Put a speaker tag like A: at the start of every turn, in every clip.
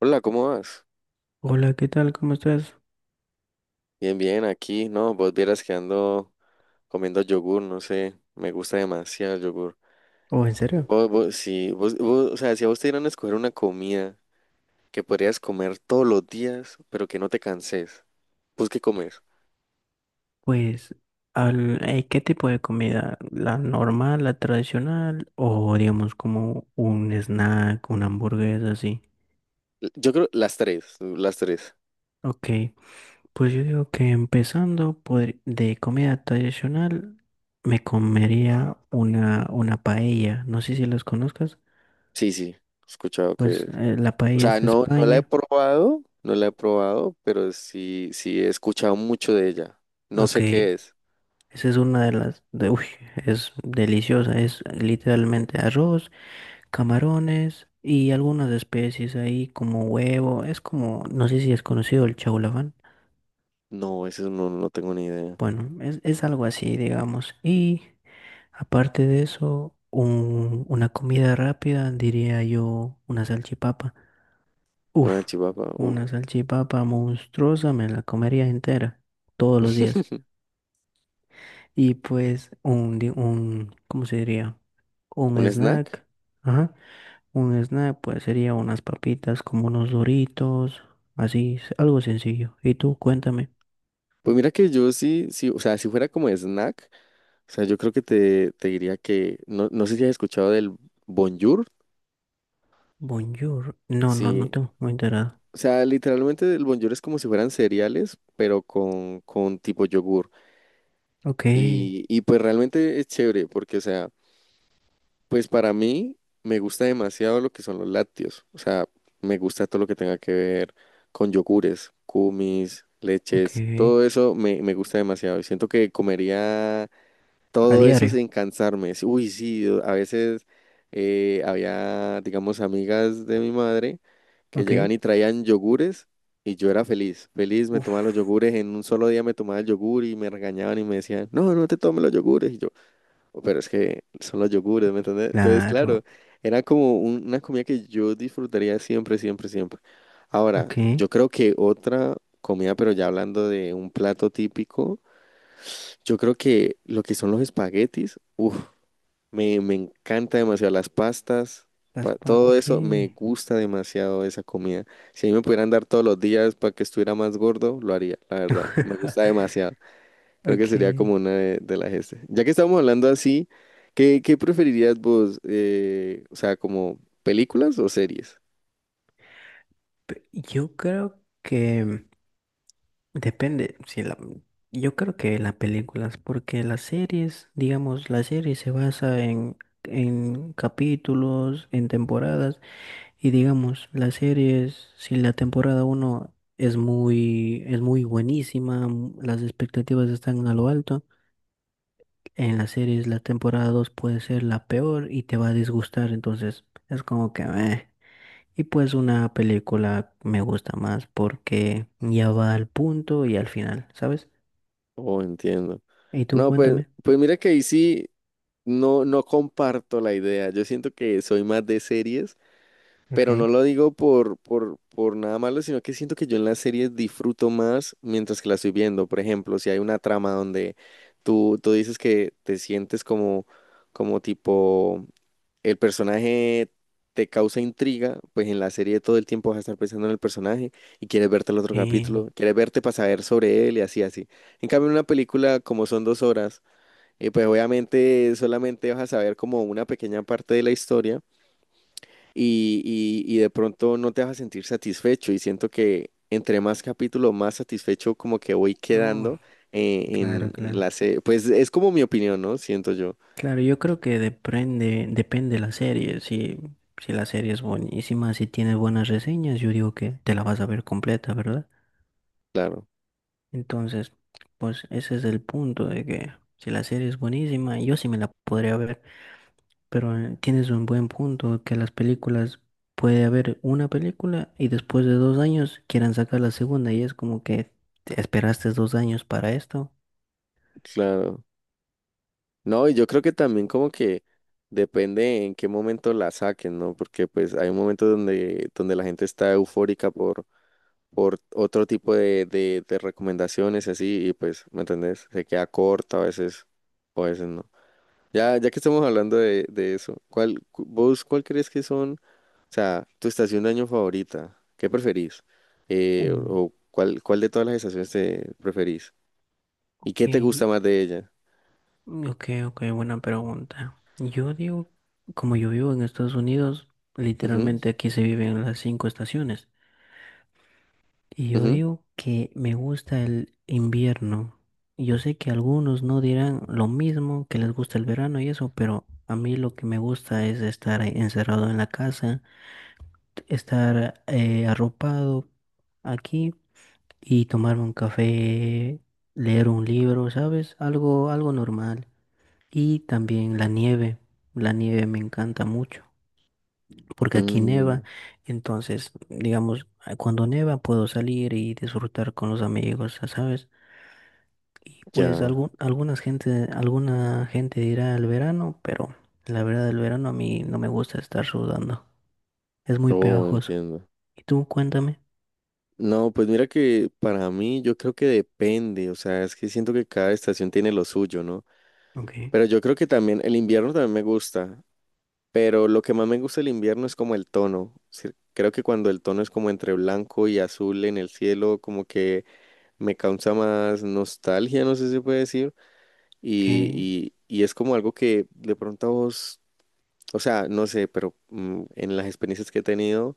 A: Hola, ¿cómo vas?
B: Hola, ¿qué tal? ¿Cómo estás?
A: Bien, bien, aquí, no, vos vieras que ando comiendo yogur, no sé, me gusta demasiado el yogur.
B: ¿O en serio?
A: Vos, sí, vos, o sea, si a vos te dieran a escoger una comida que podrías comer todos los días, pero que no te canses, ¿vos qué comes?
B: Pues, ¿qué tipo de comida? ¿La normal, la tradicional o digamos como un snack, una hamburguesa así?
A: Yo creo las tres, las tres.
B: Ok, pues yo digo que empezando de comida tradicional me comería una paella. No sé si las conozcas.
A: Sí, sí, he escuchado que,
B: Pues la
A: o
B: paella
A: sea,
B: es de
A: no, no la he
B: España.
A: probado, no la he probado, pero sí, sí he escuchado mucho de ella. No
B: Ok,
A: sé qué es.
B: esa es una de las... De, uy, es deliciosa. Es literalmente arroz, camarones y algunas especies ahí como huevo. Es como, no sé si es conocido el chaulafán.
A: No, eso no, no tengo ni idea.
B: Bueno, es algo así, digamos. Y aparte de eso, una comida rápida, diría yo, una salchipapa.
A: Una
B: Uf,
A: chivapa, uff.
B: una salchipapa monstruosa, me la comería entera, todos los días. Y pues ¿cómo se diría? Un
A: ¿Un snack?
B: snack. Ajá. Un snack, pues sería unas papitas como unos Doritos, así, algo sencillo. Y tú, cuéntame.
A: Pues mira que yo sí, sí, o sea, si fuera como snack, o sea, yo creo que te diría que, no, no sé si has escuchado del Bonjour,
B: Bonjour. No, no, no
A: sí,
B: tengo muy enterado.
A: o sea, literalmente el Bonjour es como si fueran cereales, pero con tipo yogur,
B: Ok,
A: y pues realmente es chévere, porque, o sea, pues para mí me gusta demasiado lo que son los lácteos, o sea, me gusta todo lo que tenga que ver con yogures, kumis,
B: ok.
A: leches, todo eso me gusta demasiado, y siento que comería
B: A
A: todo eso
B: diario.
A: sin cansarme. Sí. Uy, sí, a veces había, digamos, amigas de mi madre que llegaban
B: Ok.
A: y traían yogures, y yo era feliz. Feliz, me tomaba los
B: Uf,
A: yogures. En un solo día me tomaba el yogur y me regañaban y me decían, no, no te tomes los yogures. Y yo: "Oh, pero es que son los yogures, ¿me entiendes?" Entonces, claro,
B: claro.
A: era como una comida que yo disfrutaría siempre, siempre, siempre. Ahora,
B: Ok.
A: yo creo que otra comida, pero ya hablando de un plato típico. Yo creo que lo que son los espaguetis, uff, me encanta demasiado las pastas, todo
B: Ok.
A: eso, me gusta demasiado esa comida. Si a mí me pudieran dar todos los días para que estuviera más gordo, lo haría, la verdad, me gusta demasiado. Creo que
B: Ok.
A: sería como una de las este. Ya que estamos hablando así, ¿qué preferirías vos? O sea, ¿como películas o series?
B: Yo creo que. Depende, si la, yo creo que las películas, porque las series, digamos, la serie se basa en capítulos, en temporadas, y digamos, las series, si la temporada uno es muy buenísima, las expectativas están a lo alto, en las series la temporada 2 puede ser la peor y te va a disgustar, entonces es como que meh. Y pues una película me gusta más porque ya va al punto y al final, ¿sabes?
A: Oh, entiendo.
B: Y tú
A: No, pues,
B: cuéntame.
A: mira que ahí sí, no, no comparto la idea. Yo siento que soy más de series. Pero no
B: Ok.
A: lo digo por nada malo, sino que siento que yo en las series disfruto más mientras que las estoy viendo. Por ejemplo, si hay una trama donde tú dices que te sientes como, como tipo el personaje te causa intriga, pues en la serie todo el tiempo vas a estar pensando en el personaje y quieres verte el otro
B: Eh,
A: capítulo, quieres verte para saber sobre él y así, así. En cambio, en una película, como son dos horas, pues obviamente solamente vas a saber como una pequeña parte de la historia y, y de pronto no te vas a sentir satisfecho y siento que entre más capítulo, más satisfecho como que voy
B: oh,
A: quedando eh, en,
B: claro,
A: en
B: claro.
A: la serie. Pues es como mi opinión, ¿no? Siento yo.
B: Claro, yo creo que depende, depende la serie. Si, si la serie es buenísima, si tiene buenas reseñas, yo digo que te la vas a ver completa, ¿verdad?
A: Claro,
B: Entonces, pues ese es el punto de que si la serie es buenísima, yo sí me la podría ver. Pero tienes un buen punto que las películas puede haber una película y después de 2 años quieran sacar la segunda y es como que te esperaste 2 años para esto.
A: claro. No, y yo creo que también como que depende en qué momento la saquen, ¿no? Porque pues hay un momento donde, donde la gente está eufórica por otro tipo de recomendaciones y así y pues, ¿me entendés? Se queda corta a veces o a veces no. Ya que estamos hablando de eso, ¿cuál, vos cuál crees que son, o sea, tu estación de año favorita? ¿Qué preferís?
B: Ok,
A: ¿O cuál, cuál de todas las estaciones te preferís? ¿Y qué te gusta más de ella?
B: ok, ok, buena pregunta. Yo digo, como yo vivo en Estados Unidos,
A: Ujú,
B: literalmente aquí se viven las cinco estaciones. Y yo
A: ujú.
B: digo que me gusta el invierno. Yo sé que algunos no dirán lo mismo, que les gusta el verano y eso, pero a mí lo que me gusta es estar encerrado en la casa, estar arropado aquí. Y tomarme un café, leer un libro, ¿sabes? Algo normal. Y también la nieve. La nieve me encanta mucho porque aquí neva,
A: Mm,
B: entonces, digamos, cuando neva puedo salir y disfrutar con los amigos, ya, ¿sabes? Y pues
A: ya.
B: alguna gente dirá el verano, pero la verdad el verano a mí no me gusta estar sudando. Es muy
A: Oh,
B: pegajoso.
A: entiendo.
B: Y tú, cuéntame.
A: No, pues mira que para mí yo creo que depende, o sea, es que siento que cada estación tiene lo suyo, ¿no?
B: Ok,
A: Pero yo creo que también el invierno también me gusta. Pero lo que más me gusta del invierno es como el tono. Sí. Creo que cuando el tono es como entre blanco y azul en el cielo, como que me causa más nostalgia, no sé si se puede decir.
B: ok,
A: Y es como algo que de pronto a vos, o sea, no sé, pero en las experiencias que he tenido,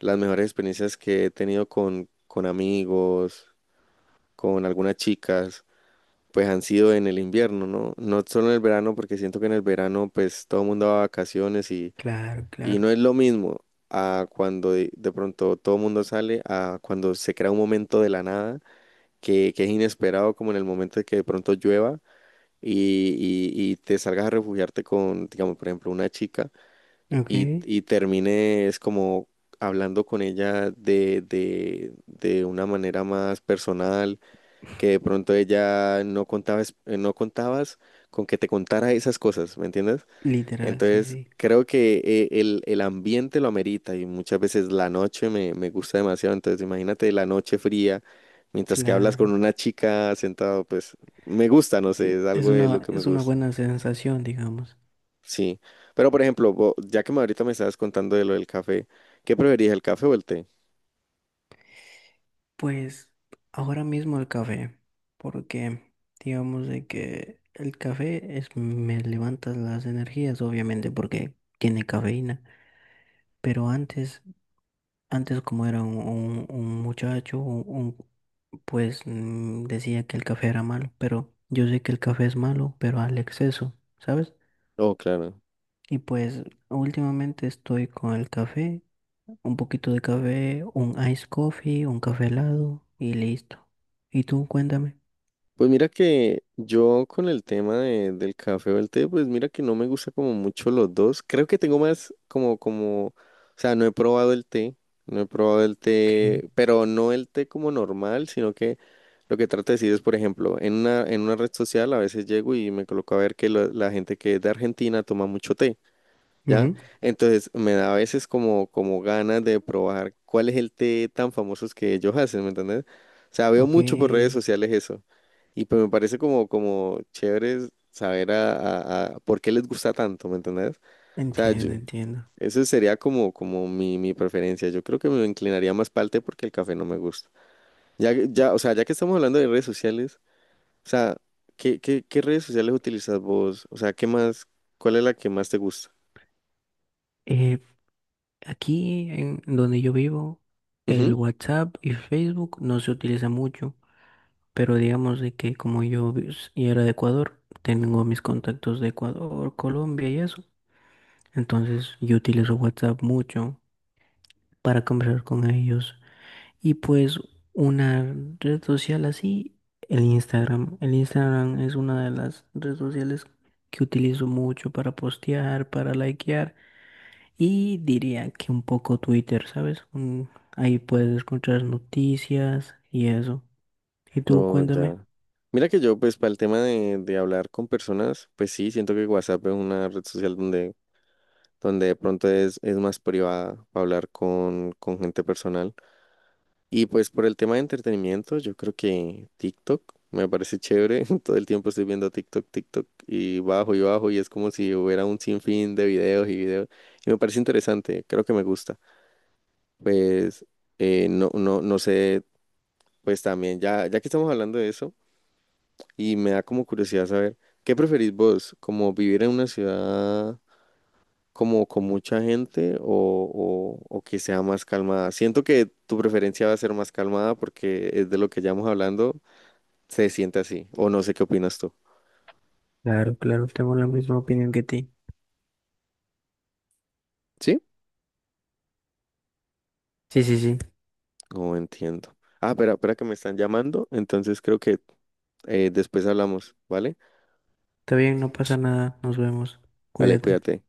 A: las mejores experiencias que he tenido con amigos, con algunas chicas, pues han sido en el invierno, ¿no? No solo en el verano, porque siento que en el verano pues todo el mundo va a vacaciones. y
B: claro,
A: Y no
B: claro.
A: es lo mismo a cuando de pronto todo el mundo sale, a cuando se crea un momento de la nada que es inesperado, como en el momento de que de pronto llueva y, y te salgas a refugiarte con, digamos, por ejemplo, una chica
B: Ok,
A: y termines como hablando con ella de una manera más personal, que de pronto ella no contabas, no contabas con que te contara esas cosas, ¿me entiendes?
B: literal, sí,
A: Entonces,
B: sí,
A: creo que el ambiente lo amerita y muchas veces la noche me gusta demasiado. Entonces, imagínate la noche fría, mientras que hablas con
B: claro.
A: una chica sentado, pues me gusta, no sé, es
B: Es
A: algo de lo
B: una,
A: que me
B: es una
A: gusta.
B: buena sensación, digamos.
A: Sí. Pero, por ejemplo, ya que me ahorita me estabas contando de lo del café, ¿qué preferís, el café o el té?
B: Pues ahora mismo el café, porque digamos de que el café es, me levanta las energías, obviamente, porque tiene cafeína. Pero antes como era un muchacho, pues decía que el café era malo, pero yo sé que el café es malo, pero al exceso, ¿sabes?
A: Oh, claro.
B: Y pues últimamente estoy con el café, un poquito de café, un ice coffee, un café helado y listo. Y tú cuéntame.
A: Pues mira que yo con el tema del café o el té, pues mira que no me gusta como mucho los dos. Creo que tengo más como, como, o sea, no he probado el té, no he probado el
B: ¿Qué?
A: té, pero no el té como normal, sino que lo que trato de decir es, por ejemplo, en una red social a veces llego y me coloco a ver que la gente que es de Argentina toma mucho té. ¿Ya?
B: Ujú.
A: Entonces me da a veces como, ganas de probar cuál es el té tan famoso que ellos hacen, ¿me entiendes? O sea, veo
B: Ok.
A: mucho por redes sociales eso. Y pues me parece como, chévere saber a por qué les gusta tanto, ¿me entendés? O sea, yo,
B: Entiendo, entiendo.
A: eso sería como, mi, preferencia. Yo creo que me inclinaría más para el té porque el café no me gusta. Ya, o sea, ya que estamos hablando de redes sociales, o sea, ¿qué, qué, redes sociales utilizas vos? O sea, ¿qué más, cuál es la que más te gusta?
B: Eh, Aquí en donde yo vivo, el WhatsApp y Facebook no se utiliza mucho, pero digamos de que como yo y era de Ecuador, tengo mis contactos de Ecuador, Colombia y eso. Entonces yo utilizo WhatsApp mucho para conversar con ellos. Y pues una red social así, el Instagram. El Instagram es una de las redes sociales que utilizo mucho para postear, para likear y diría que un poco Twitter, ¿sabes? Ahí puedes encontrar noticias y eso. Y tú
A: No,
B: cuéntame.
A: ya. Mira que yo, pues, para el tema de hablar con personas, pues sí, siento que WhatsApp es una red social donde de pronto es más privada para hablar con, gente personal. Y pues por el tema de entretenimiento, yo creo que TikTok me parece chévere. Todo el tiempo estoy viendo TikTok, TikTok y bajo y bajo y es como si hubiera un sinfín de videos y videos. Y me parece interesante, creo que me gusta. Pues, no, no, no sé, pues también, ya que estamos hablando de eso. Y me da como curiosidad saber, ¿qué preferís vos? ¿Como vivir en una ciudad como con mucha gente o, o que sea más calmada? Siento que tu preferencia va a ser más calmada porque es de lo que ya hemos hablando, se siente así, o no sé qué opinas tú.
B: Claro, claro, tengo la misma opinión que ti.
A: ¿Sí?
B: Sí, sí, sí.
A: No entiendo. Ah, espera, espera que me están llamando, entonces creo que después hablamos, ¿vale?
B: Está bien, no pasa nada. Nos vemos.
A: Vale,
B: Cuídate.
A: cuídate.